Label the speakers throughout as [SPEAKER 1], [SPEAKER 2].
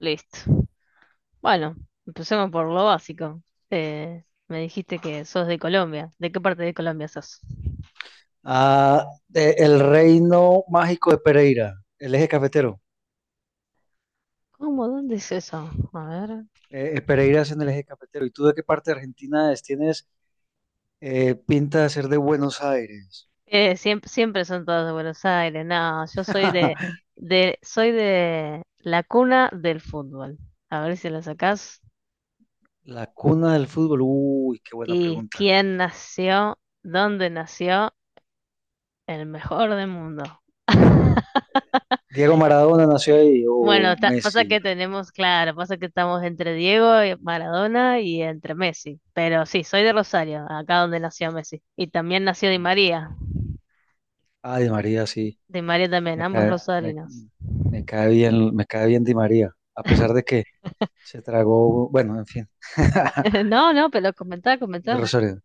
[SPEAKER 1] Listo. Bueno, empecemos por lo básico. Me dijiste que sos de Colombia. ¿De qué parte de Colombia sos?
[SPEAKER 2] El reino mágico de Pereira, el eje cafetero.
[SPEAKER 1] ¿Cómo? ¿Dónde es eso? A ver.
[SPEAKER 2] Pereira es en el eje cafetero. ¿Y tú de qué parte de Argentina es? Tienes pinta de ser de Buenos Aires.
[SPEAKER 1] Siempre son todos de Buenos Aires. No, yo soy de, de, soy de la cuna del fútbol. A ver si la sacás.
[SPEAKER 2] La cuna del fútbol. Uy, qué buena
[SPEAKER 1] ¿Y
[SPEAKER 2] pregunta.
[SPEAKER 1] quién nació? ¿Dónde nació? El mejor del mundo.
[SPEAKER 2] ¿Diego Maradona nació ahí o
[SPEAKER 1] Bueno, pasa
[SPEAKER 2] Messi?
[SPEAKER 1] que tenemos, claro, pasa que estamos entre Diego y Maradona y entre Messi. Pero sí, soy de Rosario, acá donde nació Messi. Y también nació Di
[SPEAKER 2] Ah,
[SPEAKER 1] María.
[SPEAKER 2] ah, Di María, sí.
[SPEAKER 1] Di María también,
[SPEAKER 2] Me
[SPEAKER 1] ambos
[SPEAKER 2] cae, me,
[SPEAKER 1] rosarinos.
[SPEAKER 2] me cae bien, me cae bien Di María, a pesar de que se tragó, bueno, en fin.
[SPEAKER 1] No, no, pero comentá, comentá.
[SPEAKER 2] De Rosario.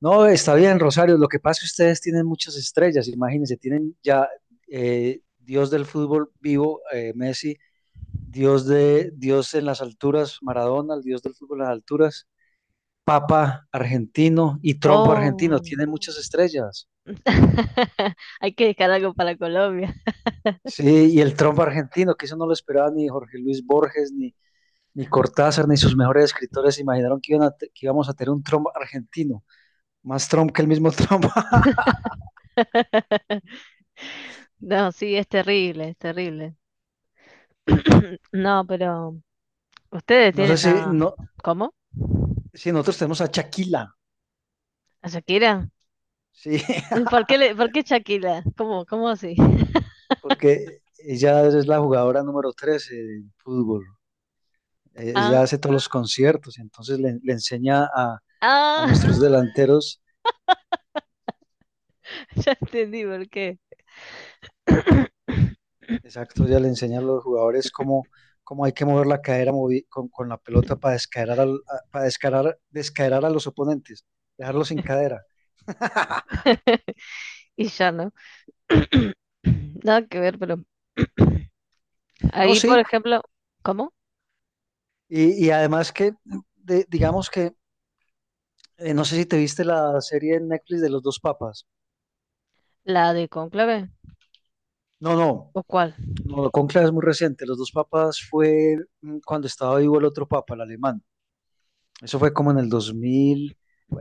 [SPEAKER 2] No, está bien, Rosario. Lo que pasa es que ustedes tienen muchas estrellas, imagínense, tienen ya Dios del fútbol vivo, Messi, Dios de Dios en las alturas, Maradona, el Dios del fútbol en las alturas, Papa argentino y Trump argentino,
[SPEAKER 1] Oh,
[SPEAKER 2] tienen muchas estrellas.
[SPEAKER 1] hay que dejar algo para Colombia.
[SPEAKER 2] Sí, y el Trump argentino, que eso no lo esperaba ni Jorge Luis Borges, ni Cortázar, ni sus mejores escritores se imaginaron que que íbamos a tener un Trump argentino, más Trump que el mismo Trump.
[SPEAKER 1] No, sí, es terrible, es terrible. No, pero ustedes
[SPEAKER 2] No sé
[SPEAKER 1] tienen
[SPEAKER 2] si,
[SPEAKER 1] a...
[SPEAKER 2] no,
[SPEAKER 1] ¿Cómo?
[SPEAKER 2] Si nosotros tenemos a Chaquila.
[SPEAKER 1] ¿A Shakira?
[SPEAKER 2] Sí,
[SPEAKER 1] ¿Por qué Shakira? ¿Cómo así?
[SPEAKER 2] porque ella es la jugadora número 13 del fútbol. Ella
[SPEAKER 1] Ah,
[SPEAKER 2] hace todos los conciertos, entonces le enseña a
[SPEAKER 1] ah,
[SPEAKER 2] nuestros delanteros.
[SPEAKER 1] ya entendí por qué.
[SPEAKER 2] Exacto, ella le enseña a los jugadores cómo, cómo hay que mover la cadera con la pelota para descaerar, para descaerar, descaerar a los oponentes, dejarlos sin cadera.
[SPEAKER 1] Y ya no. Nada que ver, pero.
[SPEAKER 2] No,
[SPEAKER 1] Ahí, por
[SPEAKER 2] sí,
[SPEAKER 1] ejemplo, ¿cómo?
[SPEAKER 2] y además que, digamos que, no sé si te viste la serie en Netflix de Los dos papas.
[SPEAKER 1] ¿La de Cónclave?
[SPEAKER 2] No, no.
[SPEAKER 1] ¿O cuál?
[SPEAKER 2] No, Conclave es muy reciente. Los dos papas fue, cuando estaba vivo el otro papa, el alemán. Eso fue como en el 2000,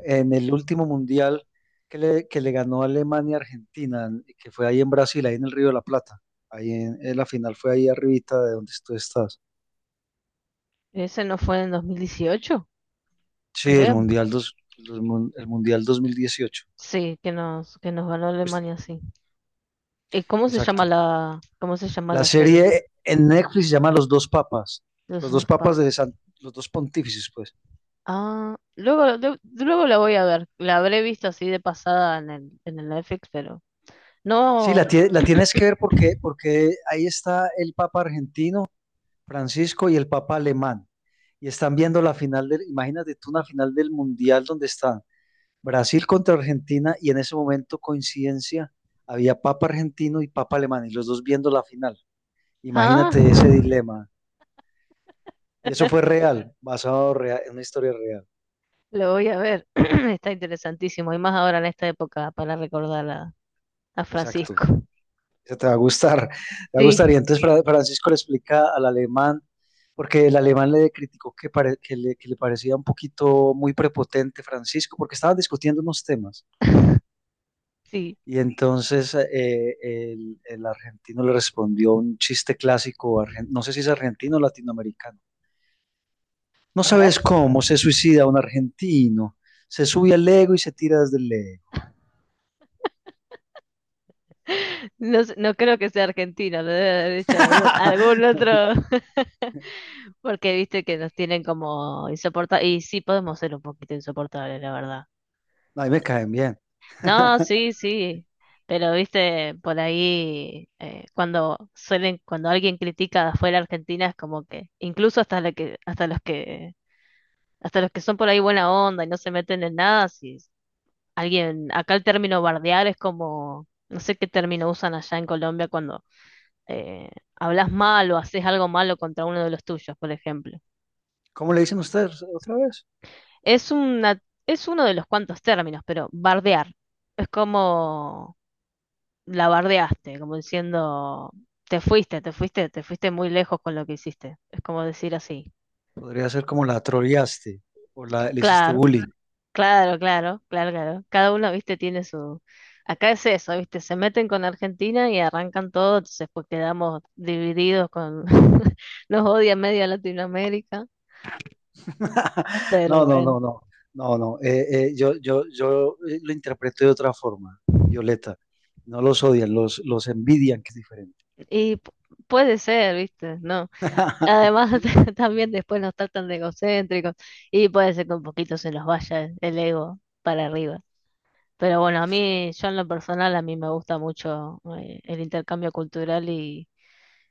[SPEAKER 2] en el último mundial que le ganó Alemania a Argentina, que fue ahí en Brasil, ahí en el Río de la Plata. Ahí en la final fue ahí arribita de donde tú estás.
[SPEAKER 1] Ese no fue en 2018,
[SPEAKER 2] Sí, el
[SPEAKER 1] creo.
[SPEAKER 2] mundial, el mundial 2018.
[SPEAKER 1] Sí, que nos ganó
[SPEAKER 2] Pues,
[SPEAKER 1] Alemania, sí. ¿Y
[SPEAKER 2] exacto.
[SPEAKER 1] cómo se llama
[SPEAKER 2] La
[SPEAKER 1] la serie?
[SPEAKER 2] serie en Netflix se llama Los dos papas.
[SPEAKER 1] Los
[SPEAKER 2] Los dos
[SPEAKER 1] dos
[SPEAKER 2] papas
[SPEAKER 1] papas.
[SPEAKER 2] Los dos pontífices, pues.
[SPEAKER 1] Ah, luego la voy a ver. La habré visto así de pasada en el Netflix, pero.
[SPEAKER 2] Sí,
[SPEAKER 1] No.
[SPEAKER 2] la tienes que ver porque, porque ahí está el Papa argentino, Francisco, y el Papa alemán. Y están viendo la final del, imagínate tú, una final del Mundial donde está Brasil contra Argentina y en ese momento, coincidencia, había Papa argentino y Papa alemán y los dos viendo la final.
[SPEAKER 1] Ah.
[SPEAKER 2] Imagínate ese dilema. Y eso fue real, en una historia real.
[SPEAKER 1] Lo voy a ver. Está interesantísimo. Y más ahora en esta época para recordar a
[SPEAKER 2] Exacto.
[SPEAKER 1] Francisco.
[SPEAKER 2] Eso te va a gustar, te va a gustar.
[SPEAKER 1] Sí,
[SPEAKER 2] Y entonces Francisco le explica al alemán, porque el alemán le criticó que que le parecía un poquito muy prepotente Francisco, porque estaban discutiendo unos temas.
[SPEAKER 1] sí.
[SPEAKER 2] Y entonces el argentino le respondió un chiste clásico, no sé si es argentino o latinoamericano. No
[SPEAKER 1] A ver.
[SPEAKER 2] sabes cómo se suicida un argentino. Se sube al ego y se tira desde el ego.
[SPEAKER 1] No, no creo que sea argentino, lo debe haber hecho algún otro. Porque viste que nos tienen como insoportables. Y sí, podemos ser un poquito insoportables, la verdad.
[SPEAKER 2] Ahí me caen bien.
[SPEAKER 1] No, sí, sí. Pero viste, por ahí, cuando alguien critica afuera Argentina, es como que, incluso hasta lo que, hasta los que Hasta los que son por ahí buena onda y no se meten en nada, si alguien, acá el término bardear es como, no sé qué término usan allá en Colombia cuando eh, hablas mal o haces algo malo contra uno de los tuyos, por ejemplo.
[SPEAKER 2] ¿Cómo le dicen ustedes otra vez?
[SPEAKER 1] Es una, es uno de los cuantos términos, pero bardear es como la bardeaste, como diciendo, te fuiste muy lejos con lo que hiciste. Es como decir así.
[SPEAKER 2] Podría ser como la troleaste le hiciste
[SPEAKER 1] Claro.
[SPEAKER 2] bullying.
[SPEAKER 1] Claro, claro, claro, claro. Cada uno, viste, tiene su... Acá es eso, viste, se meten con Argentina y arrancan todo, entonces pues quedamos divididos con... Nos odia media Latinoamérica, pero
[SPEAKER 2] No, no,
[SPEAKER 1] bueno,
[SPEAKER 2] no, no, no, no. Yo lo interpreto de otra forma, Violeta. No los odian, los envidian, que es diferente.
[SPEAKER 1] y puede ser, viste, ¿no? Además, también después nos tratan de egocéntricos y puede ser que un poquito se nos vaya el ego para arriba. Pero bueno, a mí, yo en lo personal, a mí me gusta mucho el intercambio cultural.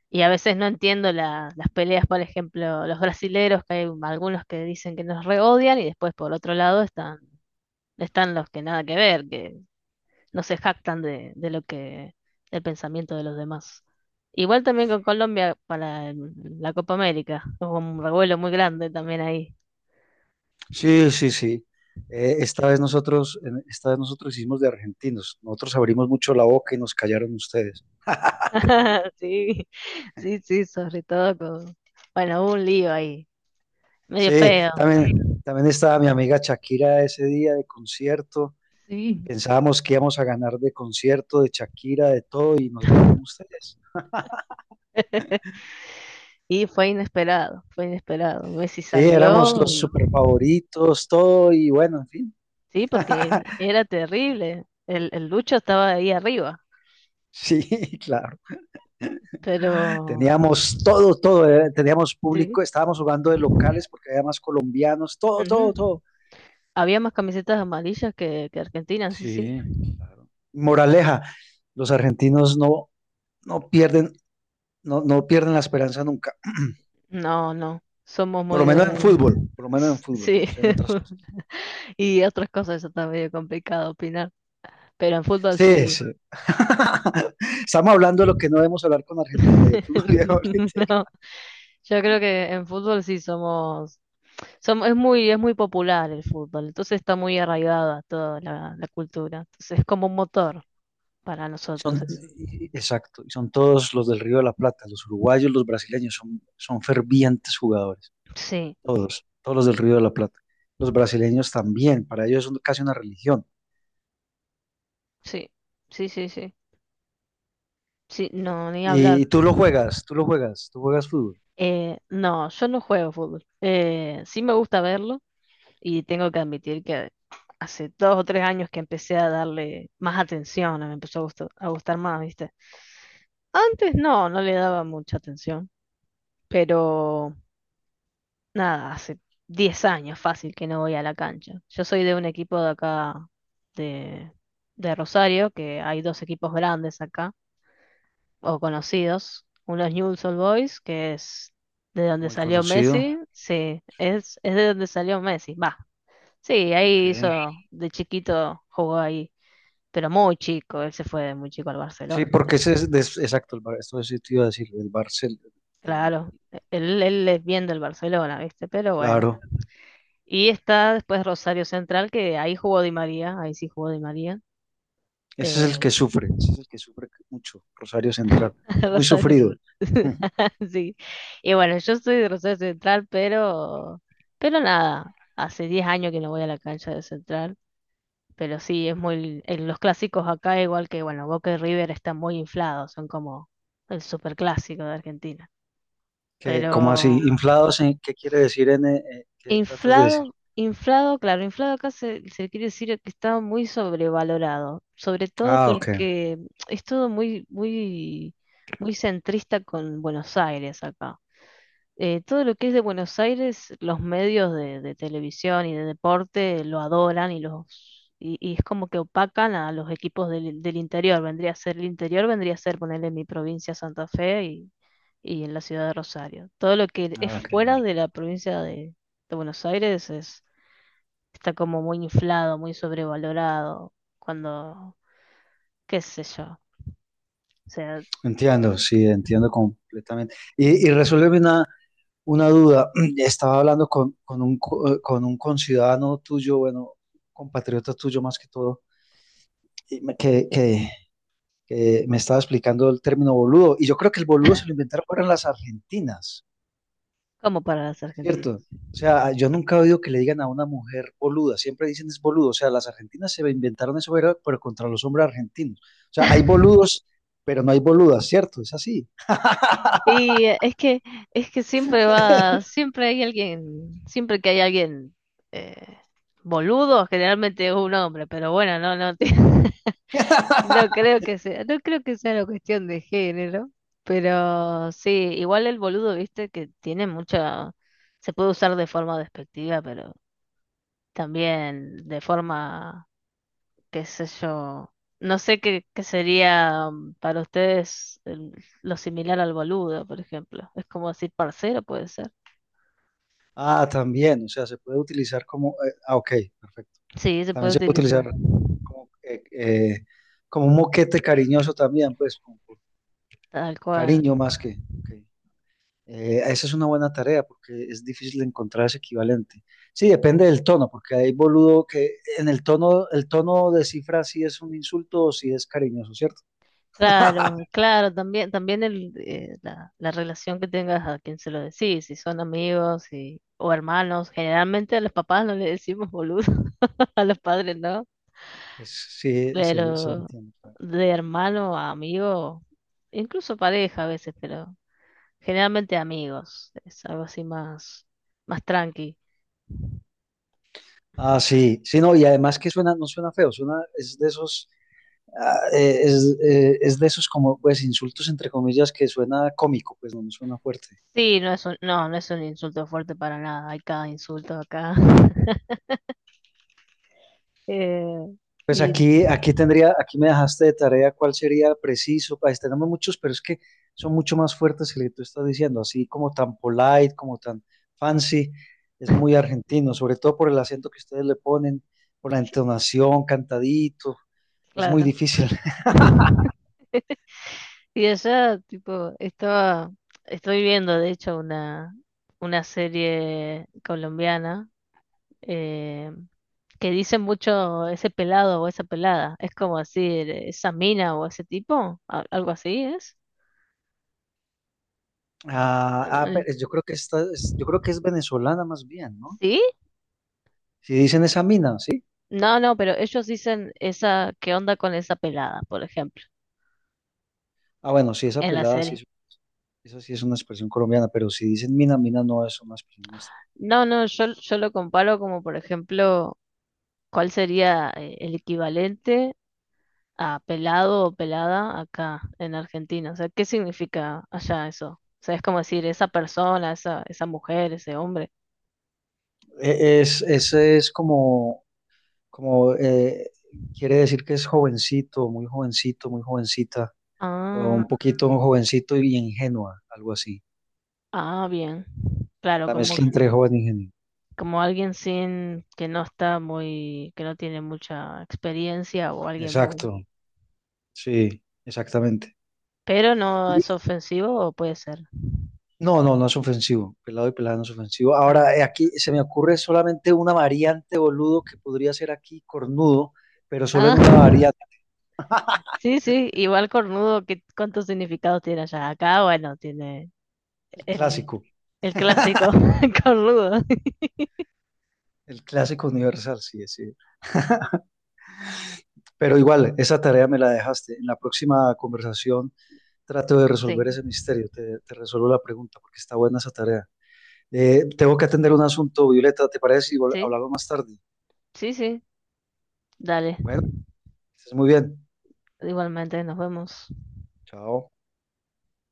[SPEAKER 1] Y a veces no entiendo las peleas, por ejemplo, los brasileros, que hay algunos que dicen que nos reodian y después por otro lado están, los que nada que ver, que no se jactan del pensamiento de los demás. Igual también con Colombia para la Copa América, hubo un revuelo muy grande también ahí.
[SPEAKER 2] Sí, sí, sí. Esta vez nosotros hicimos de argentinos. Nosotros abrimos mucho la boca y nos callaron ustedes.
[SPEAKER 1] Sí, sí, sí, sobre todo con, bueno, hubo un lío ahí, medio
[SPEAKER 2] Sí,
[SPEAKER 1] feo.
[SPEAKER 2] también, también estaba mi amiga Shakira ese día de concierto. Y
[SPEAKER 1] Sí.
[SPEAKER 2] pensábamos que íbamos a ganar de concierto, de Shakira, de todo, y nos ganaron ustedes.
[SPEAKER 1] Y fue inesperado, fue inesperado. Messi
[SPEAKER 2] Sí, éramos
[SPEAKER 1] salió.
[SPEAKER 2] los super favoritos, todo, y bueno, en fin.
[SPEAKER 1] Sí, porque era terrible. El Lucho estaba ahí arriba,
[SPEAKER 2] Sí, claro.
[SPEAKER 1] pero
[SPEAKER 2] Teníamos todo, todo, teníamos
[SPEAKER 1] sí.
[SPEAKER 2] público, estábamos jugando de locales porque había más colombianos, todo,
[SPEAKER 1] Ujú.
[SPEAKER 2] todo, todo.
[SPEAKER 1] Había más camisetas amarillas que Argentina, sí, sí.
[SPEAKER 2] Sí, claro. Moraleja, los argentinos no, no pierden, no pierden la esperanza nunca,
[SPEAKER 1] No, no, somos
[SPEAKER 2] por
[SPEAKER 1] muy
[SPEAKER 2] lo menos en
[SPEAKER 1] de...
[SPEAKER 2] fútbol, por lo menos en fútbol,
[SPEAKER 1] Sí,
[SPEAKER 2] no sé en otras cosas.
[SPEAKER 1] y otras cosas, eso está medio complicado opinar, pero en fútbol
[SPEAKER 2] Sí,
[SPEAKER 1] sí.
[SPEAKER 2] sí. Estamos hablando de lo que no debemos hablar con argentinos, de fútbol y de política.
[SPEAKER 1] No, yo creo que en fútbol sí es muy popular el fútbol, entonces está muy arraigada toda la cultura, entonces es como un motor para nosotros.
[SPEAKER 2] Son, y- exacto, y son todos los del Río de la Plata, los uruguayos, los brasileños, son, son fervientes jugadores,
[SPEAKER 1] Sí,
[SPEAKER 2] todos, todos los del Río de la Plata. Los brasileños también, para ellos es casi una religión.
[SPEAKER 1] sí, sí, sí, sí. Sí, no, ni hablar.
[SPEAKER 2] Y tú lo juegas, tú lo juegas, tú juegas fútbol,
[SPEAKER 1] No, yo no juego fútbol. Sí me gusta verlo y tengo que admitir que hace 2 o 3 años que empecé a darle más atención, me empezó a gustar más, ¿viste? Antes no, no le daba mucha atención, pero nada, hace 10 años fácil que no voy a la cancha. Yo soy de un equipo de acá, de, de Rosario, que hay dos equipos grandes acá, o conocidos. Uno es Newell's Old Boys, que es de donde
[SPEAKER 2] muy
[SPEAKER 1] salió
[SPEAKER 2] conocido.
[SPEAKER 1] Messi, sí,
[SPEAKER 2] Sí,
[SPEAKER 1] es de donde salió Messi, va. Sí,
[SPEAKER 2] ok.
[SPEAKER 1] de chiquito jugó ahí, pero muy chico, él se fue de muy chico al
[SPEAKER 2] Sí,
[SPEAKER 1] Barcelona también.
[SPEAKER 2] porque ese es, exacto, esto sí te iba a decir, el-
[SPEAKER 1] Claro, él es bien del Barcelona, ¿viste? Pero bueno.
[SPEAKER 2] claro.
[SPEAKER 1] Y está después Rosario Central, que ahí jugó Di María, ahí sí jugó Di María.
[SPEAKER 2] Ese es el
[SPEAKER 1] eh,
[SPEAKER 2] que sufre, ese es el que sufre mucho, Rosario Central. Es muy
[SPEAKER 1] Rosario.
[SPEAKER 2] sufrido.
[SPEAKER 1] Sí. Y bueno, yo soy de Rosario Central, pero nada, hace 10 años que no voy a la cancha de Central, pero sí, en los clásicos acá, igual que, bueno, Boca y River están muy inflados, son como el superclásico de Argentina.
[SPEAKER 2] ¿Qué, cómo así?
[SPEAKER 1] Pero
[SPEAKER 2] ¿Inflados? ¿Qué quiere decir en qué tratas de decir?
[SPEAKER 1] inflado, inflado, claro, inflado acá se quiere decir que está muy sobrevalorado, sobre todo
[SPEAKER 2] Ah, ok.
[SPEAKER 1] porque es todo muy, muy, muy centrista con Buenos Aires acá. Todo lo que es de Buenos Aires, los medios de televisión y de deporte lo adoran y los y es como que opacan a los equipos del interior. Vendría a ser el interior, vendría a ser ponerle mi provincia Santa Fe y en la ciudad de Rosario. Todo lo que es
[SPEAKER 2] Ah, ok.
[SPEAKER 1] fuera de la provincia de Buenos Aires está como muy inflado, muy sobrevalorado, cuando, qué sé yo, o sea,
[SPEAKER 2] Entiendo, sí, entiendo completamente. Y resuélveme una duda. Estaba hablando con, con un conciudadano tuyo, bueno, compatriota tuyo más que todo, y me- que, que, que me estaba explicando el término boludo. Y yo creo que el boludo se lo inventaron fueron las argentinas.
[SPEAKER 1] como para las
[SPEAKER 2] Cierto.
[SPEAKER 1] argentinas.
[SPEAKER 2] O sea, ah, yo nunca he oído que le digan a una mujer boluda, siempre dicen es boludo. O sea, las argentinas se inventaron eso, pero contra los hombres argentinos. O sea, hay boludos, pero no hay boludas, ¿cierto? Es así.
[SPEAKER 1] Y es que siempre que hay alguien eh, boludo, generalmente es un hombre, pero bueno, no, no, no creo que sea, no creo que sea una cuestión de género, pero sí, igual el boludo, viste, que tiene mucha, se puede usar de forma despectiva, pero también de forma qué sé yo. No sé qué sería para ustedes lo similar al boludo, por ejemplo. Es como decir parcero, puede ser.
[SPEAKER 2] Ah, también. O sea, se puede utilizar como ok, perfecto.
[SPEAKER 1] Sí, se
[SPEAKER 2] También
[SPEAKER 1] puede
[SPEAKER 2] se puede
[SPEAKER 1] utilizar,
[SPEAKER 2] utilizar como, como un moquete cariñoso también, pues, como por
[SPEAKER 1] tal cual.
[SPEAKER 2] cariño más que ok. Esa es una buena tarea porque es difícil encontrar ese equivalente. Sí, depende del tono, porque hay boludo que en el tono descifra si es un insulto o si es cariñoso, ¿cierto?
[SPEAKER 1] Claro, claro, también, también la relación que tengas a quien se lo decís, si son amigos o hermanos. Generalmente a los papás no le decimos boludo, a los padres no,
[SPEAKER 2] Pues sí, se
[SPEAKER 1] pero
[SPEAKER 2] entiende. Claro.
[SPEAKER 1] de hermano a amigo, incluso pareja a veces, pero. Generalmente amigos, es algo así más, más tranqui.
[SPEAKER 2] Ah, sí, sí, no, y además que suena, no suena feo, suena, es de esos, es de esos como, pues, insultos entre comillas que suena cómico, pues no, no suena fuerte.
[SPEAKER 1] Sí, no es un insulto fuerte para nada, hay cada insulto acá. Eh,
[SPEAKER 2] Pues
[SPEAKER 1] y
[SPEAKER 2] aquí, aquí tendría, aquí me dejaste de tarea cuál sería preciso. Pues tenemos muchos, pero es que son mucho más fuertes que el que tú estás diciendo, así como tan polite, como tan fancy. Es muy argentino, sobre todo por el acento que ustedes le ponen, por la
[SPEAKER 1] sí,
[SPEAKER 2] entonación, cantadito. Es muy
[SPEAKER 1] claro.
[SPEAKER 2] difícil.
[SPEAKER 1] Y allá, tipo, estoy viendo de hecho una serie colombiana eh, que dice mucho ese pelado o esa pelada. Es como decir, esa mina o ese tipo, algo así es.
[SPEAKER 2] Ah, ah,
[SPEAKER 1] Mm,
[SPEAKER 2] pero yo creo que esta es, yo creo que es venezolana más bien, ¿no?
[SPEAKER 1] ¿sí?
[SPEAKER 2] Si dicen esa mina, ¿sí?
[SPEAKER 1] No, no, pero ellos dicen ¿qué onda con esa pelada, por ejemplo,
[SPEAKER 2] Ah, bueno, sí, esa
[SPEAKER 1] en la
[SPEAKER 2] pelada, sí,
[SPEAKER 1] serie?
[SPEAKER 2] eso sí es una expresión colombiana, pero si dicen mina, mina no es una expresión nuestra.
[SPEAKER 1] No, no, yo lo comparo como, por ejemplo, ¿cuál sería el equivalente a pelado o pelada acá en Argentina? O sea, ¿qué significa allá eso? O sea, es como decir esa persona, esa mujer, ese hombre.
[SPEAKER 2] Es, ese es como, como quiere decir que es jovencito, muy jovencita, o un
[SPEAKER 1] Ah,
[SPEAKER 2] poquito jovencito y ingenua, algo así.
[SPEAKER 1] ah, bien. Claro,
[SPEAKER 2] La
[SPEAKER 1] como,
[SPEAKER 2] mezcla entre joven e ingenuo.
[SPEAKER 1] como alguien sin, que no está muy, que no tiene mucha experiencia o alguien muy.
[SPEAKER 2] Exacto, sí, exactamente.
[SPEAKER 1] Pero no
[SPEAKER 2] Y-
[SPEAKER 1] es ofensivo o puede ser.
[SPEAKER 2] No, no, no es ofensivo. Pelado y pelada no es ofensivo.
[SPEAKER 1] Ah,
[SPEAKER 2] Ahora, aquí se me ocurre solamente una variante, boludo, que podría ser aquí cornudo, pero solo
[SPEAKER 1] ah,
[SPEAKER 2] en una variante,
[SPEAKER 1] sí, sí, igual cornudo, cuántos significados tiene allá? Acá, bueno, tiene
[SPEAKER 2] el
[SPEAKER 1] el,
[SPEAKER 2] clásico.
[SPEAKER 1] el clásico cornudo.
[SPEAKER 2] El clásico universal, sí, sí. Pero igual, esa tarea me la dejaste. En la próxima conversación trato de
[SPEAKER 1] Sí,
[SPEAKER 2] resolver ese misterio. Te resuelvo la pregunta porque está buena esa tarea. Tengo que atender un asunto, Violeta, ¿te parece? Y
[SPEAKER 1] sí,
[SPEAKER 2] hablamos más tarde.
[SPEAKER 1] sí, sí, dale.
[SPEAKER 2] Bueno, que estés muy bien.
[SPEAKER 1] Igualmente, nos vemos.
[SPEAKER 2] Chao.